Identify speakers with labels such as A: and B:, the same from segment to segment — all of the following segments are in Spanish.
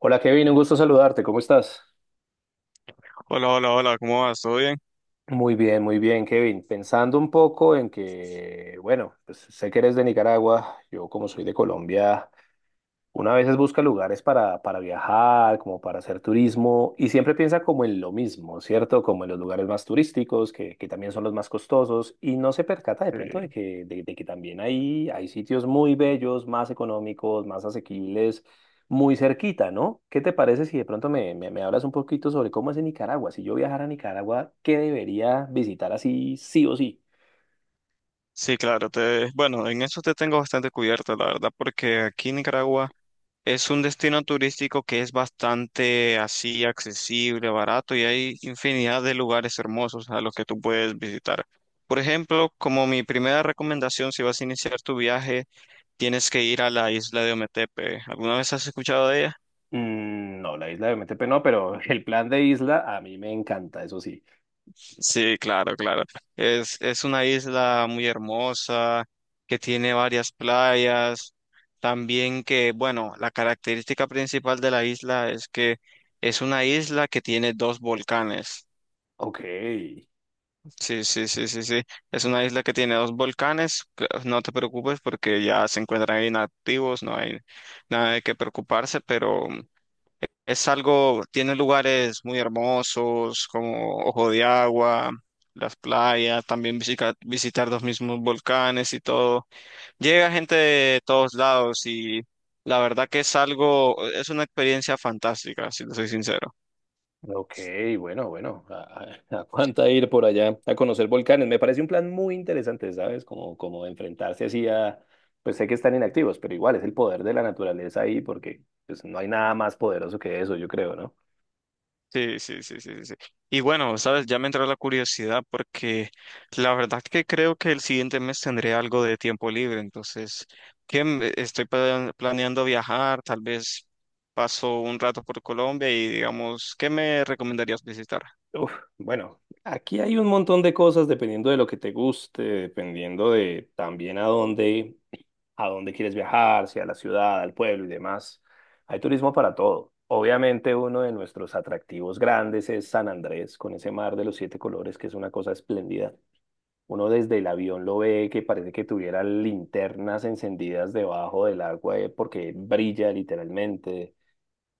A: Hola Kevin, un gusto saludarte, ¿cómo estás?
B: Hola, hola, hola, ¿cómo vas? ¿Todo bien?
A: Muy bien, Kevin. Pensando un poco en que, bueno, pues sé que eres de Nicaragua, yo como soy de Colombia, una a veces busca lugares para viajar, como para hacer turismo, y siempre piensa como en lo mismo, ¿cierto? Como en los lugares más turísticos, que también son los más costosos, y no se percata de pronto de
B: Sí,
A: de que también hay sitios muy bellos, más económicos, más asequibles, muy cerquita, ¿no? ¿Qué te parece si de pronto me hablas un poquito sobre cómo es en Nicaragua? Si yo viajara a Nicaragua, ¿qué debería visitar así, sí o sí?
B: Sí, claro, bueno, en eso te tengo bastante cubierto, la verdad, porque aquí en Nicaragua es un destino turístico que es bastante así accesible, barato y hay infinidad de lugares hermosos a los que tú puedes visitar. Por ejemplo, como mi primera recomendación, si vas a iniciar tu viaje, tienes que ir a la isla de Ometepe. ¿Alguna vez has escuchado de ella?
A: No, la isla de Metepe no, pero el plan de isla a mí me encanta, eso sí.
B: Sí, claro, claro. Es una isla muy hermosa, que tiene varias playas. También que, bueno, la característica principal de la isla es que es una isla que tiene dos volcanes.
A: Ok.
B: Sí, sí, sí, sí, sí. Es una isla que tiene dos volcanes. No te preocupes porque ya se encuentran inactivos, no hay nada de qué preocuparse, pero es algo, tiene lugares muy hermosos como Ojo de Agua, las playas, también visitar los mismos volcanes y todo. Llega gente de todos lados y la verdad que es algo, es una experiencia fantástica, si te soy sincero.
A: Ok, bueno, bueno, aguanta ir por allá a conocer volcanes. Me parece un plan muy interesante, ¿sabes? Como, como enfrentarse así a, pues sé que están inactivos, pero igual es el poder de la naturaleza ahí porque pues, no hay nada más poderoso que eso, yo creo, ¿no?
B: Sí, sí, sí, sí, sí. Sí. Y bueno, sabes, ya me entró la curiosidad porque la verdad que creo que el siguiente mes tendré algo de tiempo libre, entonces, estoy planeando viajar, tal vez paso un rato por Colombia y digamos, ¿qué me recomendarías visitar?
A: Uf, bueno, aquí hay un montón de cosas dependiendo de lo que te guste, dependiendo de también a dónde, a dónde quieres viajar, si a la ciudad, al pueblo y demás. Hay turismo para todo. Obviamente uno de nuestros atractivos grandes es San Andrés, con ese mar de los siete colores, que es una cosa espléndida. Uno desde el avión lo ve que parece que tuviera linternas encendidas debajo del agua porque brilla literalmente.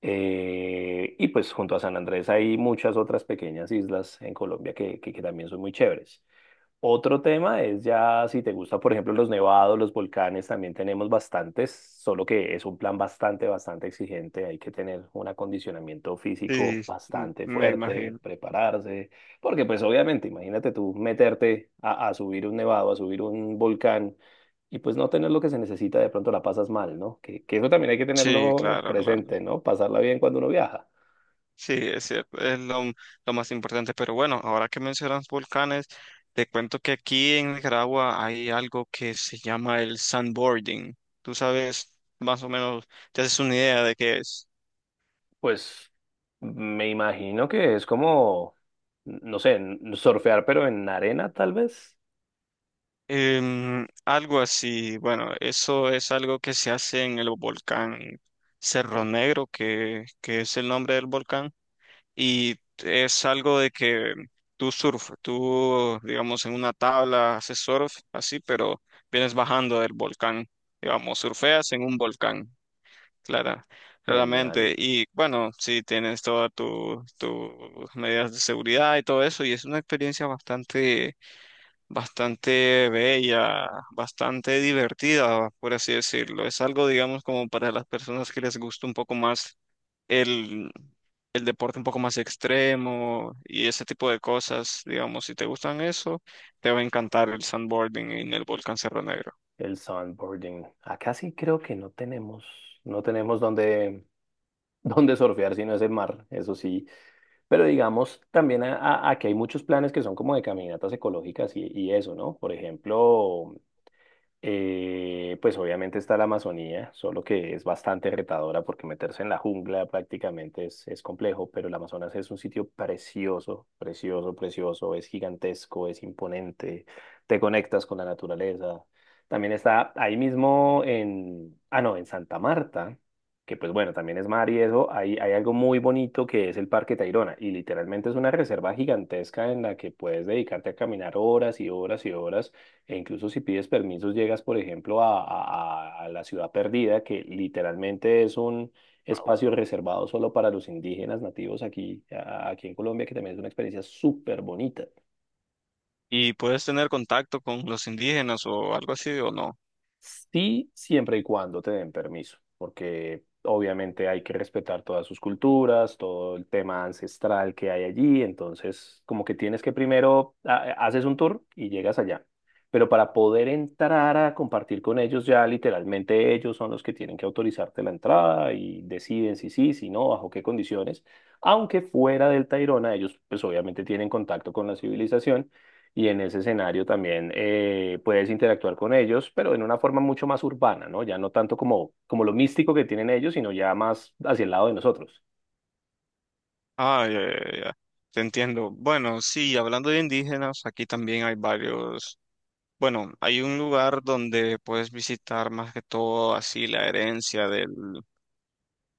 A: Y pues junto a San Andrés hay muchas otras pequeñas islas en Colombia que también son muy chéveres. Otro tema es ya si te gusta, por ejemplo, los nevados, los volcanes, también tenemos bastantes, solo que es un plan bastante exigente. Hay que tener un acondicionamiento físico
B: Sí,
A: bastante
B: me
A: fuerte,
B: imagino.
A: prepararse, porque pues obviamente, imagínate tú meterte a subir un nevado, a subir un volcán y pues no tener lo que se necesita, de pronto la pasas mal, ¿no? Que eso también hay que
B: Sí,
A: tenerlo
B: claro, claro.
A: presente, ¿no? Pasarla bien cuando uno viaja.
B: Sí, es cierto, es lo más importante. Pero bueno, ahora que mencionas volcanes, te cuento que aquí en Nicaragua hay algo que se llama el sandboarding. Tú sabes, más o menos, te haces una idea de qué es.
A: Pues me imagino que es como, no sé, surfear, pero en arena tal vez.
B: Algo así, bueno, eso es algo que se hace en el volcán Cerro
A: Ok.
B: Negro, que es el nombre del volcán. Y es algo de que tú, digamos, en una tabla haces surf, así, pero vienes bajando del volcán, digamos, surfeas en un volcán, clara, claramente.
A: Genial.
B: Y bueno, sí, tienes todas tus medidas de seguridad y todo eso, y es una experiencia bastante, bastante bella, bastante divertida, por así decirlo. Es algo, digamos, como para las personas que les gusta un poco más el, el deporte un poco más extremo y ese tipo de cosas, digamos, si te gustan eso, te va a encantar el sandboarding en el volcán Cerro Negro.
A: El sandboarding. Acá sí creo que no tenemos, no tenemos donde, donde surfear, sino es el mar, eso sí. Pero digamos, también aquí hay muchos planes que son como de caminatas ecológicas y eso, ¿no? Por ejemplo, pues obviamente está la Amazonía, solo que es bastante retadora porque meterse en la jungla prácticamente es complejo, pero el Amazonas es un sitio precioso, precioso, precioso, es gigantesco, es imponente, te conectas con la naturaleza. También está ahí mismo en, ah no, en Santa Marta, que pues bueno, también es mar y eso, hay algo muy bonito que es el Parque Tayrona y literalmente es una reserva gigantesca en la que puedes dedicarte a caminar horas y horas y horas e incluso si pides permisos, llegas, por ejemplo, la ciudad perdida, que literalmente es un espacio reservado solo para los indígenas nativos aquí, aquí en Colombia, que también es una experiencia súper bonita.
B: ¿Y puedes tener contacto con los indígenas o algo así o no?
A: Sí, siempre y cuando te den permiso, porque obviamente hay que respetar todas sus culturas, todo el tema ancestral que hay allí, entonces como que tienes que primero haces un tour y llegas allá. Pero para poder entrar a compartir con ellos ya literalmente ellos son los que tienen que autorizarte la entrada y deciden si sí, si no, bajo qué condiciones. Aunque fuera del Tayrona ellos pues obviamente tienen contacto con la civilización y en ese escenario también puedes interactuar con ellos, pero en una forma mucho más urbana, ¿no? Ya no tanto como, como lo místico que tienen ellos, sino ya más hacia el lado de nosotros.
B: Ah, ya, ya, ya. Te entiendo. Bueno, sí, hablando de indígenas, aquí también hay varios. Bueno, hay un lugar donde puedes visitar más que todo así la herencia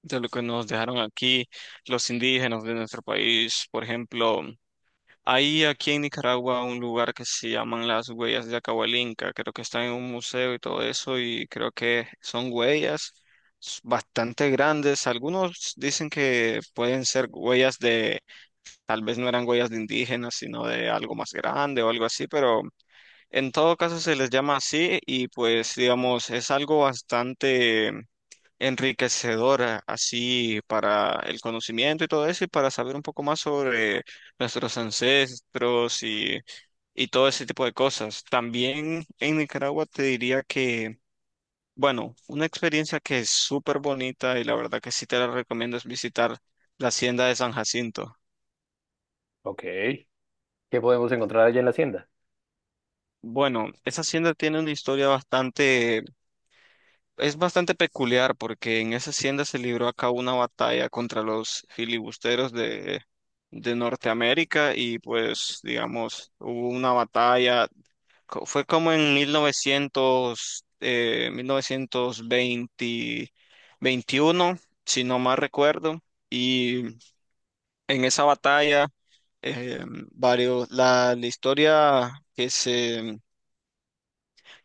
B: de lo que nos dejaron aquí los indígenas de nuestro país. Por ejemplo, hay aquí en Nicaragua un lugar que se llaman las huellas de Acahualinca, creo que está en un museo y todo eso, y creo que son huellas bastante grandes. Algunos dicen que pueden ser huellas tal vez no eran huellas de indígenas, sino de algo más grande o algo así, pero en todo caso se les llama así y pues digamos, es algo bastante enriquecedora así para el conocimiento y todo eso y para saber un poco más sobre nuestros ancestros y todo ese tipo de cosas. También en Nicaragua te diría que, bueno, una experiencia que es súper bonita y la verdad que sí te la recomiendo es visitar la hacienda de San Jacinto.
A: Ok. ¿Qué podemos encontrar allá en la hacienda?
B: Bueno, esa hacienda tiene una historia bastante Es bastante peculiar porque en esa hacienda se libró a cabo una batalla contra los filibusteros de Norteamérica y pues digamos hubo una batalla, fue como en 1900, 1920 21 si no mal recuerdo, y en esa batalla eh, varios, la historia que se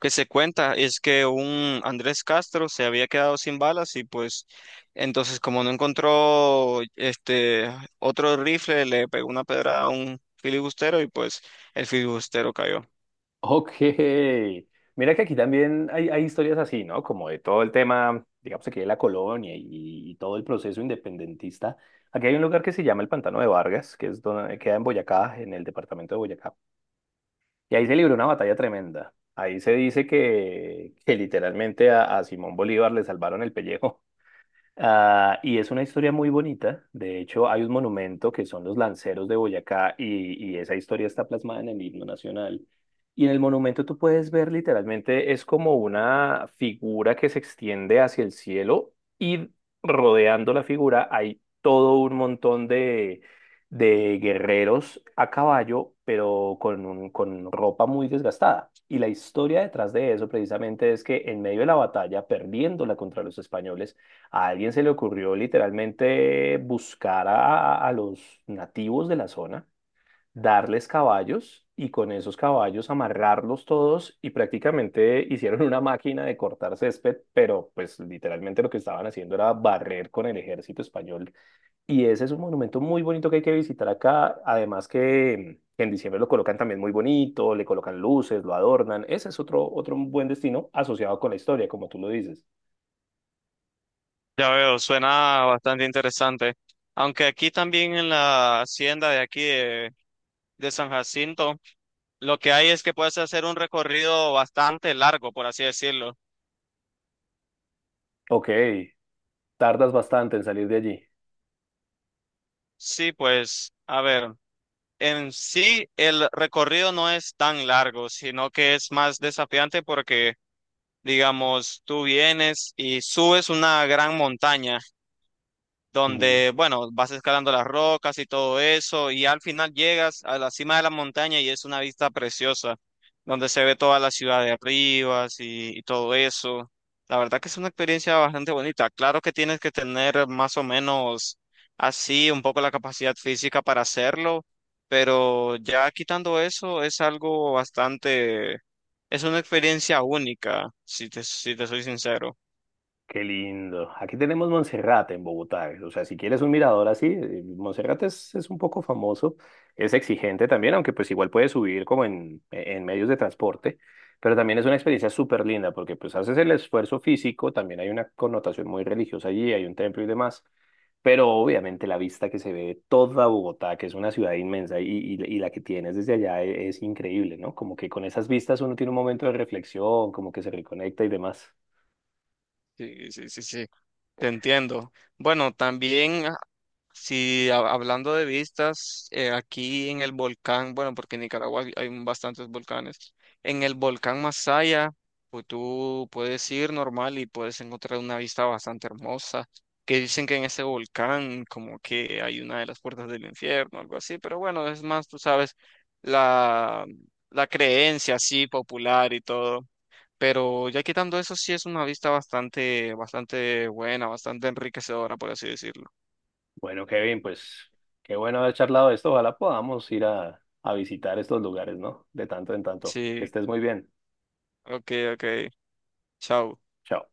B: que se cuenta es que un Andrés Castro se había quedado sin balas y pues entonces como no encontró este otro rifle le pegó una pedrada a un filibustero y pues el filibustero cayó.
A: Ok. Mira que aquí también hay historias así, ¿no? Como de todo el tema, digamos aquí de la colonia y todo el proceso independentista. Aquí hay un lugar que se llama el Pantano de Vargas, que es donde, queda en Boyacá, en el departamento de Boyacá. Y ahí se libró una batalla tremenda. Ahí se dice que literalmente a Simón Bolívar le salvaron el pellejo. Ah, y es una historia muy bonita. De hecho, hay un monumento que son los lanceros de Boyacá y esa historia está plasmada en el himno nacional. Y en el monumento tú puedes ver literalmente, es como una figura que se extiende hacia el cielo y rodeando la figura hay todo un montón de guerreros a caballo, pero con, con ropa muy desgastada. Y la historia detrás de eso precisamente es que en medio de la batalla, perdiéndola contra los españoles, a alguien se le ocurrió literalmente buscar a los nativos de la zona, darles caballos y con esos caballos amarrarlos todos y prácticamente hicieron una máquina de cortar césped, pero pues literalmente lo que estaban haciendo era barrer con el ejército español. Y ese es un monumento muy bonito que hay que visitar acá, además que en diciembre lo colocan también muy bonito, le colocan luces, lo adornan. Ese es otro, otro buen destino asociado con la historia, como tú lo dices.
B: Ya veo, suena bastante interesante. Aunque aquí también en la hacienda de aquí de San Jacinto lo que hay es que puedes hacer un recorrido bastante largo, por así decirlo.
A: Ok, tardas bastante en salir de allí.
B: Sí, pues, a ver. En sí, el recorrido no es tan largo, sino que es más desafiante porque, digamos, tú vienes y subes una gran montaña
A: Ujú.
B: donde, bueno, vas escalando las rocas y todo eso, y al final llegas a la cima de la montaña y es una vista preciosa, donde se ve toda la ciudad de arriba y todo eso. La verdad que es una experiencia bastante bonita. Claro que tienes que tener más o menos así un poco la capacidad física para hacerlo, pero ya quitando eso es algo bastante, es una experiencia única, si te soy sincero.
A: Qué lindo. Aquí tenemos Monserrate en Bogotá. O sea, si quieres un mirador así, Monserrate es un poco famoso. Es exigente también, aunque pues igual puedes subir como en, en medios de transporte. Pero también es una experiencia súper linda porque pues haces el esfuerzo físico, también hay una connotación muy religiosa allí, hay un templo y demás. Pero obviamente la vista que se ve de toda Bogotá, que es una ciudad inmensa y la que tienes desde allá es increíble, ¿no? Como que con esas vistas uno tiene un momento de reflexión, como que se reconecta y demás.
B: Sí, sí, sí, sí. Te entiendo. Bueno, también si hablando de vistas, aquí en el volcán, bueno, porque en Nicaragua hay bastantes volcanes, en el volcán Masaya, pues tú puedes ir normal y puedes encontrar una vista bastante hermosa, que dicen que en ese volcán como que hay una de las puertas del infierno, algo así, pero bueno, es más, tú sabes, la, la creencia así popular y todo. Pero ya quitando eso, sí es una vista bastante, bastante buena, bastante enriquecedora, por así decirlo.
A: Bueno, Kevin, pues qué bueno haber charlado de esto. Ojalá podamos ir a visitar estos lugares, ¿no? De tanto en tanto. Que
B: Sí,
A: estés muy bien.
B: ok, ok. Chao.
A: Chao.